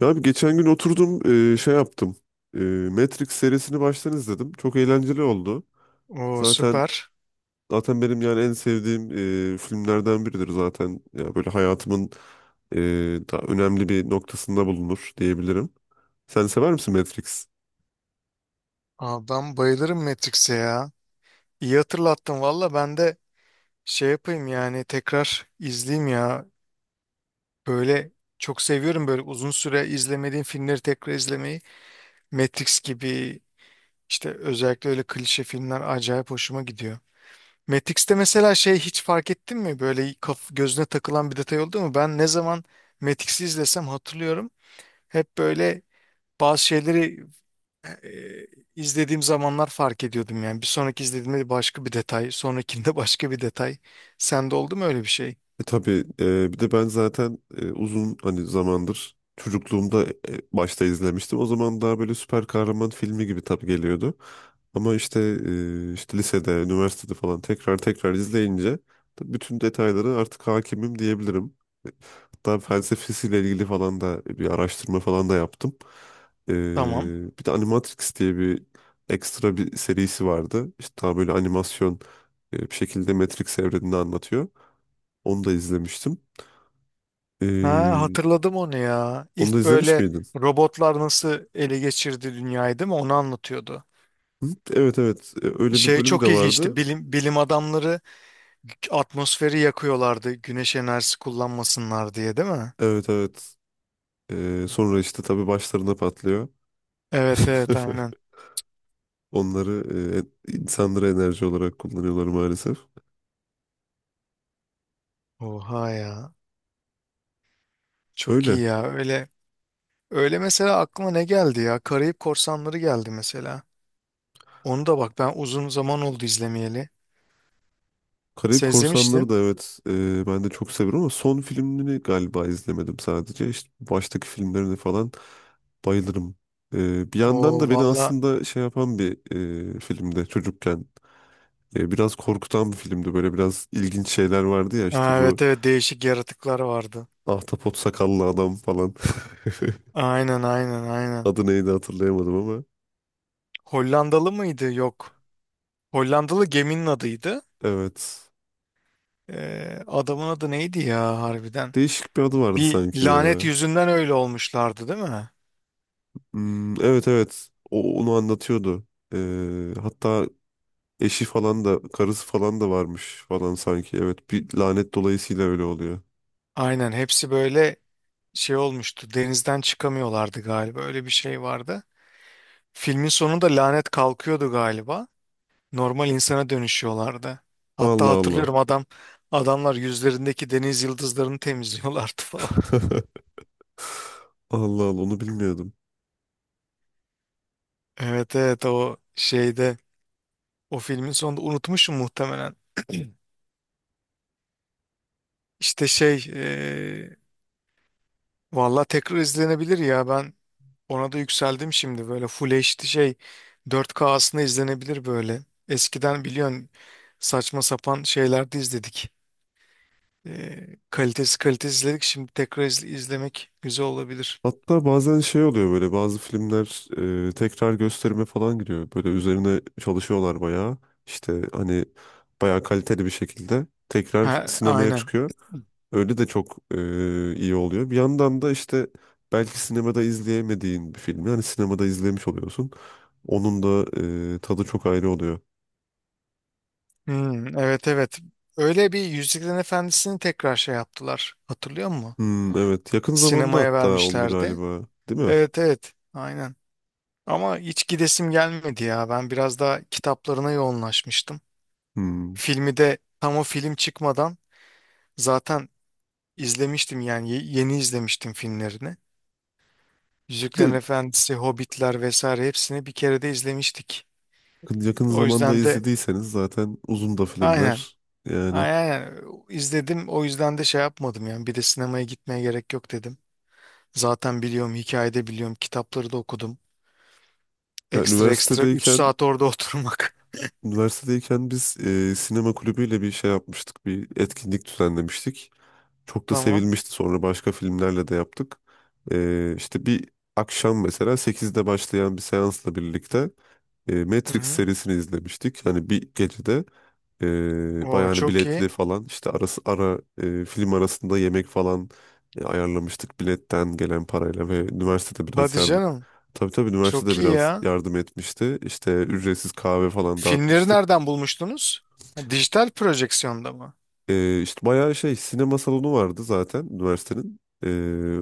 Ya abi, geçen gün oturdum, şey yaptım. E, Matrix serisini baştan izledim. Çok eğlenceli oldu. Oo Zaten süper. zaten benim, yani en sevdiğim filmlerden biridir zaten. Ya böyle hayatımın e, daha önemli bir noktasında bulunur diyebilirim. Sen sever misin Matrix? Adam bayılırım Matrix'e ya. İyi hatırlattın valla ben de şey yapayım yani tekrar izleyeyim ya. Böyle çok seviyorum böyle uzun süre izlemediğim filmleri tekrar izlemeyi. Matrix gibi işte özellikle öyle klişe filmler acayip hoşuma gidiyor. Matrix'te mesela şey hiç fark ettin mi? Böyle kaf gözüne takılan bir detay oldu mu? Ben ne zaman Matrix'i izlesem hatırlıyorum. Hep böyle bazı şeyleri Eee, izlediğim zamanlar fark ediyordum yani. Bir sonraki izlediğimde başka bir detay, sonrakinde başka bir detay. Sende oldu mu öyle bir şey? Tabii, bir de ben zaten uzun, hani, zamandır çocukluğumda başta izlemiştim. O zaman daha böyle süper kahraman filmi gibi tabii geliyordu. Ama işte, işte lisede, üniversitede falan tekrar tekrar izleyince tabii bütün detayları artık hakimim diyebilirim. E, Hatta felsefesiyle ilgili falan da bir araştırma falan da yaptım. E, Tamam. Bir de Animatrix diye bir ekstra bir serisi vardı. İşte daha böyle animasyon, bir şekilde Matrix evrenini anlatıyor. Onu da izlemiştim. Ha, Ee, hatırladım onu ya. Onu da İlk izlemiş böyle miydin? robotlar nasıl ele geçirdi dünyayı, değil mi? Onu anlatıyordu. Hı? Evet, evet. Öyle bir Şey bölümü de çok ilginçti. vardı. Bilim adamları atmosferi yakıyorlardı. Güneş enerjisi kullanmasınlar diye, değil mi? Evet, evet. Sonra işte tabii başlarına patlıyor. Evet, evet, aynen. Onları, insanlara enerji olarak kullanıyorlar maalesef. Oha ya. Çok Öyle. iyi ya. Öyle mesela aklıma ne geldi ya? Karayip Korsanları geldi mesela. Onu da bak ben uzun zaman oldu izlemeyeli. Karayip Sen Korsanları izlemiştin. da, evet, ben de çok severim ama son filmini galiba izlemedim sadece. İşte baştaki filmlerini falan bayılırım. Bir yandan Oo da beni valla. aslında şey yapan bir, filmde çocukken, biraz korkutan bir filmdi. Böyle biraz ilginç şeyler vardı ya, işte Ha, bu evet, evet, değişik yaratıklar vardı. ahtapot sakallı adam falan. Aynen, aynen, aynen. Adı neydi hatırlayamadım ama. Hollandalı mıydı? Yok. Hollandalı geminin adıydı. Evet. Adamın adı neydi ya harbiden? Değişik bir adı vardı Bir sanki lanet ya. yüzünden öyle olmuşlardı, değil mi? Hmm, evet, evet. Onu anlatıyordu. Hatta eşi falan da karısı falan da varmış falan sanki. Evet, bir lanet dolayısıyla öyle oluyor. Aynen hepsi böyle şey olmuştu. Denizden çıkamıyorlardı galiba. Öyle bir şey vardı. Filmin sonunda lanet kalkıyordu galiba. Normal insana dönüşüyorlardı. Hatta Allah Allah. hatırlıyorum adamlar yüzlerindeki deniz yıldızlarını temizliyorlardı falan. Allah Allah, onu bilmiyordum. Evet, evet, o şeyde o filmin sonunda unutmuşum muhtemelen. İşte şey e, valla tekrar izlenebilir ya ben ona da yükseldim şimdi böyle Full HD şey 4K aslında izlenebilir böyle. Eskiden biliyorsun saçma sapan şeylerde izledik. Kalitesi izledik şimdi izlemek güzel olabilir. Hatta bazen şey oluyor, böyle bazı filmler tekrar gösterime falan giriyor. Böyle üzerine çalışıyorlar bayağı. İşte hani bayağı kaliteli bir şekilde tekrar Ha, sinemaya aynen. çıkıyor. Öyle de çok iyi oluyor. Bir yandan da işte belki sinemada izleyemediğin bir filmi hani sinemada izlemiş oluyorsun. Onun da tadı çok ayrı oluyor. Hmm, evet, evet. Öyle bir Yüzüklerin Efendisi'ni tekrar şey yaptılar. Hatırlıyor musun? Hmm, evet, yakın zamanda Sinemaya hatta oldu vermişlerdi. galiba, değil mi? Evet, evet. Aynen. Ama hiç gidesim gelmedi ya. Ben biraz daha kitaplarına yoğunlaşmıştım. Hmm. Filmi de tam o film çıkmadan zaten izlemiştim yani yeni izlemiştim filmlerini. Yüzüklerin De, Efendisi, Hobbitler vesaire hepsini bir kere de izlemiştik. Yakın O zamanda yüzden de izlediyseniz zaten uzun da aynen. filmler yani. Aynen. Aynen. İzledim. O yüzden de şey yapmadım yani. Bir de sinemaya gitmeye gerek yok dedim. Zaten biliyorum, hikayede biliyorum, kitapları da okudum. Ya, Ekstra ekstra 3 üniversitedeyken saat orada oturmak. üniversitedeyken biz, sinema kulübüyle bir şey yapmıştık. Bir etkinlik düzenlemiştik. Çok da Tamam. sevilmişti. Sonra başka filmlerle de yaptık. İşte bir akşam, mesela 8'de başlayan bir seansla birlikte Hı Matrix hı. serisini izlemiştik. Hani bir gecede O bayağı, hani, çok biletli iyi. falan, işte ara, film arasında yemek falan ayarlamıştık biletten gelen parayla, ve üniversitede biraz Hadi yardım, canım. tabii, tabii Çok üniversitede iyi biraz ya. yardım etmişti. İşte ücretsiz kahve falan Filmleri dağıtmıştık. nereden bulmuştunuz? Ha, dijital projeksiyonda mı? İşte bayağı şey, sinema salonu vardı zaten üniversitenin.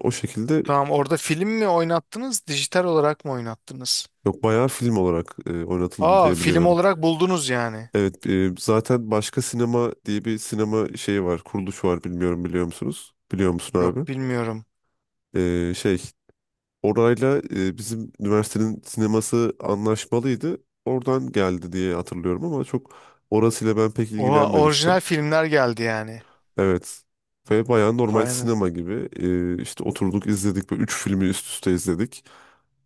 O şekilde, Tamam, orada film mi oynattınız, dijital olarak mı oynattınız? yok, bayağı film olarak oynatıldı Aa, diye film biliyorum. olarak buldunuz yani. Evet, zaten Başka Sinema diye bir sinema şeyi var, kuruluş var, bilmiyorum, biliyor musunuz? Biliyor musun abi? Yok, bilmiyorum. Şey, orayla, bizim üniversitenin sineması anlaşmalıydı. Oradan geldi diye hatırlıyorum ama çok orasıyla ben pek Oha, ilgilenmemiştim. orijinal filmler geldi yani. Evet. Ve bayağı normal Vay anas- sinema gibi, işte oturduk, izledik ve üç filmi üst üste izledik.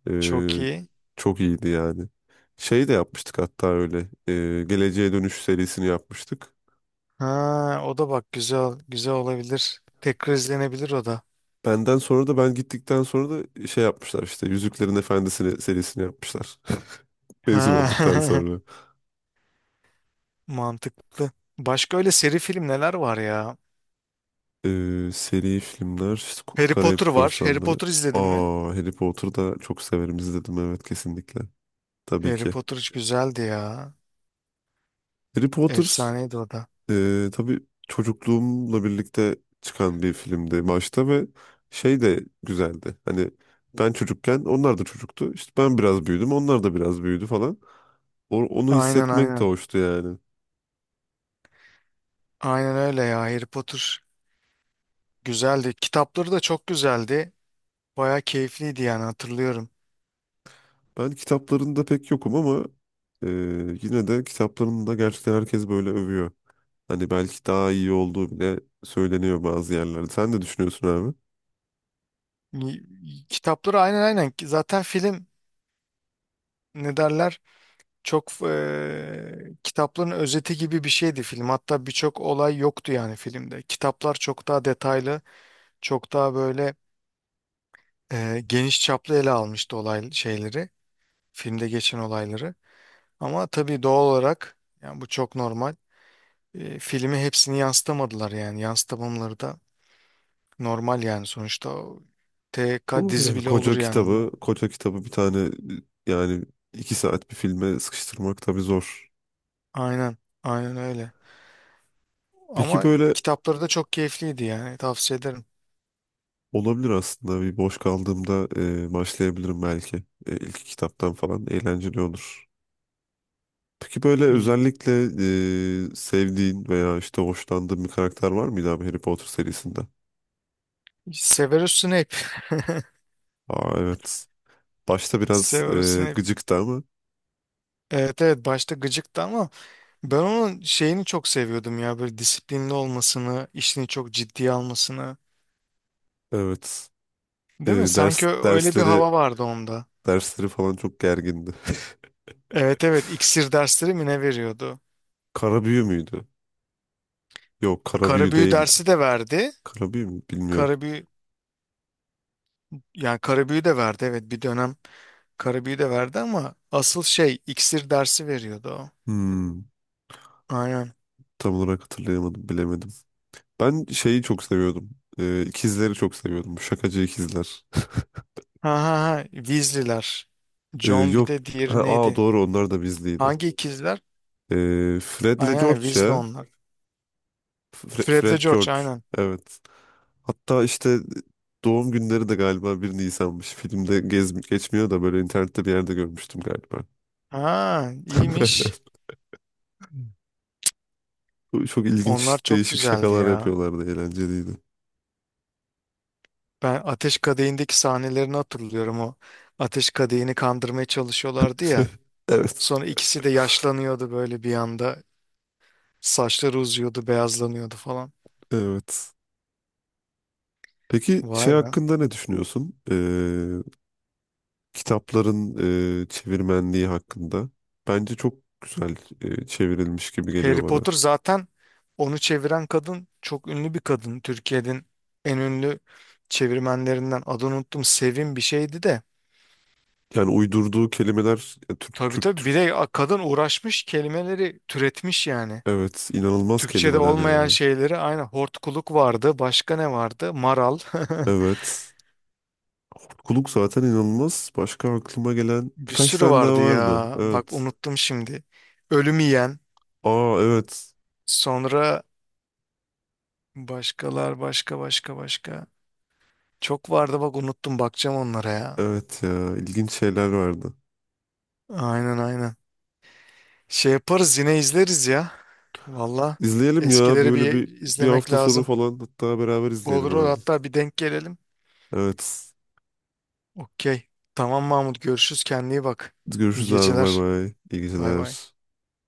E, Çok iyi. Çok iyiydi yani. Şey de yapmıştık hatta öyle. Geleceğe Dönüş serisini yapmıştık. Ha, o da bak güzel, güzel olabilir. Tekrar izlenebilir o da. Ben gittikten sonra da şey yapmışlar, işte Yüzüklerin Efendisi'ni serisini yapmışlar. Mezun olduktan Ha, sonra. mantıklı. Başka öyle seri film neler var ya? Seri filmler işte, Harry Karayip Potter var. Harry Korsanları. Potter izledin mi? Aa, Harry Potter'ı da çok severim, izledim, evet, kesinlikle. Tabii Harry ki. Potter hiç güzeldi ya. Harry Potter, Efsaneydi o da. Tabii çocukluğumla birlikte çıkan bir filmdi başta, ve şey de güzeldi. Hani ben çocukken onlar da çocuktu. İşte ben biraz büyüdüm, onlar da biraz büyüdü falan. Onu Aynen, hissetmek de aynen. hoştu yani. Aynen öyle ya. Harry Potter güzeldi. Kitapları da çok güzeldi. Baya keyifliydi yani hatırlıyorum. Ben kitaplarında pek yokum ama e, yine de kitaplarında gerçekten herkes böyle övüyor. Hani belki daha iyi olduğu bile söyleniyor bazı yerlerde. Sen ne düşünüyorsun abi? Kitapları aynen aynen. Zaten film ne derler? Çok kitapların özeti gibi bir şeydi film. Hatta birçok olay yoktu yani filmde. Kitaplar çok daha detaylı, çok daha böyle geniş çaplı ele almıştı olay şeyleri, filmde geçen olayları. Ama tabii doğal olarak yani bu çok normal. Filmi hepsini yansıtamadılar yani yansıtamamaları da normal yani sonuçta o TK Doğru, dizi yani bile olur koca yani kitabı, ondan. koca kitabı bir tane, yani 2 saat bir filme sıkıştırmak tabii zor. Aynen, aynen öyle. Peki, Ama böyle kitapları da çok keyifliydi yani tavsiye ederim. olabilir aslında. Bir boş kaldığımda başlayabilirim belki. İlk kitaptan falan eğlenceli olur. Peki, böyle Evet. özellikle sevdiğin veya işte hoşlandığın bir karakter var mıydı abi, Harry Potter serisinde? Severus Snape. Aa, evet. Başta biraz Severus Snape. gıcıktı ama, Evet, evet, başta gıcıktı ama ben onun şeyini çok seviyordum ya böyle disiplinli olmasını, işini çok ciddiye almasını. evet. E, Değil mi? Sanki ders öyle bir dersleri hava vardı onda. dersleri falan çok gergindi. Evet, evet, iksir dersleri mi ne veriyordu? Karabüyü müydü? Yok, Karabüyü Karabüyü değildi. dersi de verdi. Karabüyü mü? Bilmiyorum. Karabüyü yani karabüyü de verdi, evet, bir dönem karabüyü de verdi ama asıl şey iksir dersi veriyordu o. Hmm, Aynen. tam olarak hatırlayamadım, bilemedim. Ben şeyi çok seviyordum. İkizleri çok seviyordum. Şakacı ikizler. Ha ha ha Weasley'ler. John, bir Yok. de Ha, diğeri aa, neydi? doğru, onlar da bizliydi. Hangi ikizler? E, Fred'le Aynen George Weasley ya. onlar. Fred'le Fred George George. aynen. Evet. Hatta işte doğum günleri de galiba 1 Nisan'mış. Filmde gez geçmiyor da böyle internette bir yerde görmüştüm galiba. Ha, iyiymiş. Çok Onlar ilginç, çok değişik güzeldi şakalar ya. yapıyorlardı, eğlenceliydi. Ben Ateş Kadehi'ndeki sahnelerini hatırlıyorum o. Ateş Kadehi'ni kandırmaya çalışıyorlardı ya. Evet, Sonra ikisi de yaşlanıyordu böyle bir anda. Saçları uzuyordu, beyazlanıyordu falan. evet. Peki şey Vay be. hakkında ne düşünüyorsun? Kitapların çevirmenliği hakkında. Bence çok güzel, çevrilmiş gibi geliyor Harry bana. Potter zaten onu çeviren kadın çok ünlü bir kadın. Türkiye'nin en ünlü çevirmenlerinden adını unuttum. Sevim bir şeydi de. Yani uydurduğu kelimeler ya, Türk, Tabii, Türk, tabii, Türk. bir de kadın uğraşmış kelimeleri türetmiş yani. Evet, inanılmaz Türkçe'de kelimeler olmayan ya. şeyleri aynı hortkuluk vardı. Başka ne vardı? Maral. Evet. Kuluk zaten inanılmaz. Başka aklıma gelen Bir birkaç sürü tane daha vardı vardı. ya. Bak Evet. unuttum şimdi. Ölüm yiyen. Aa, evet. Sonra başka başka başka. Çok vardı bak unuttum bakacağım onlara ya. Evet ya, ilginç şeyler vardı. Aynen, aynen. Şey yaparız yine izleriz ya. Valla İzleyelim ya, eskileri böyle bir bir bir izlemek hafta sonu lazım. falan, hatta beraber izleyelim Olur, olur, abi. hatta bir denk gelelim. Evet. Okey. Tamam Mahmut, görüşürüz, kendine iyi bak. İyi Görüşürüz abi, bay geceler. bay. İyi Bay bay. geceler.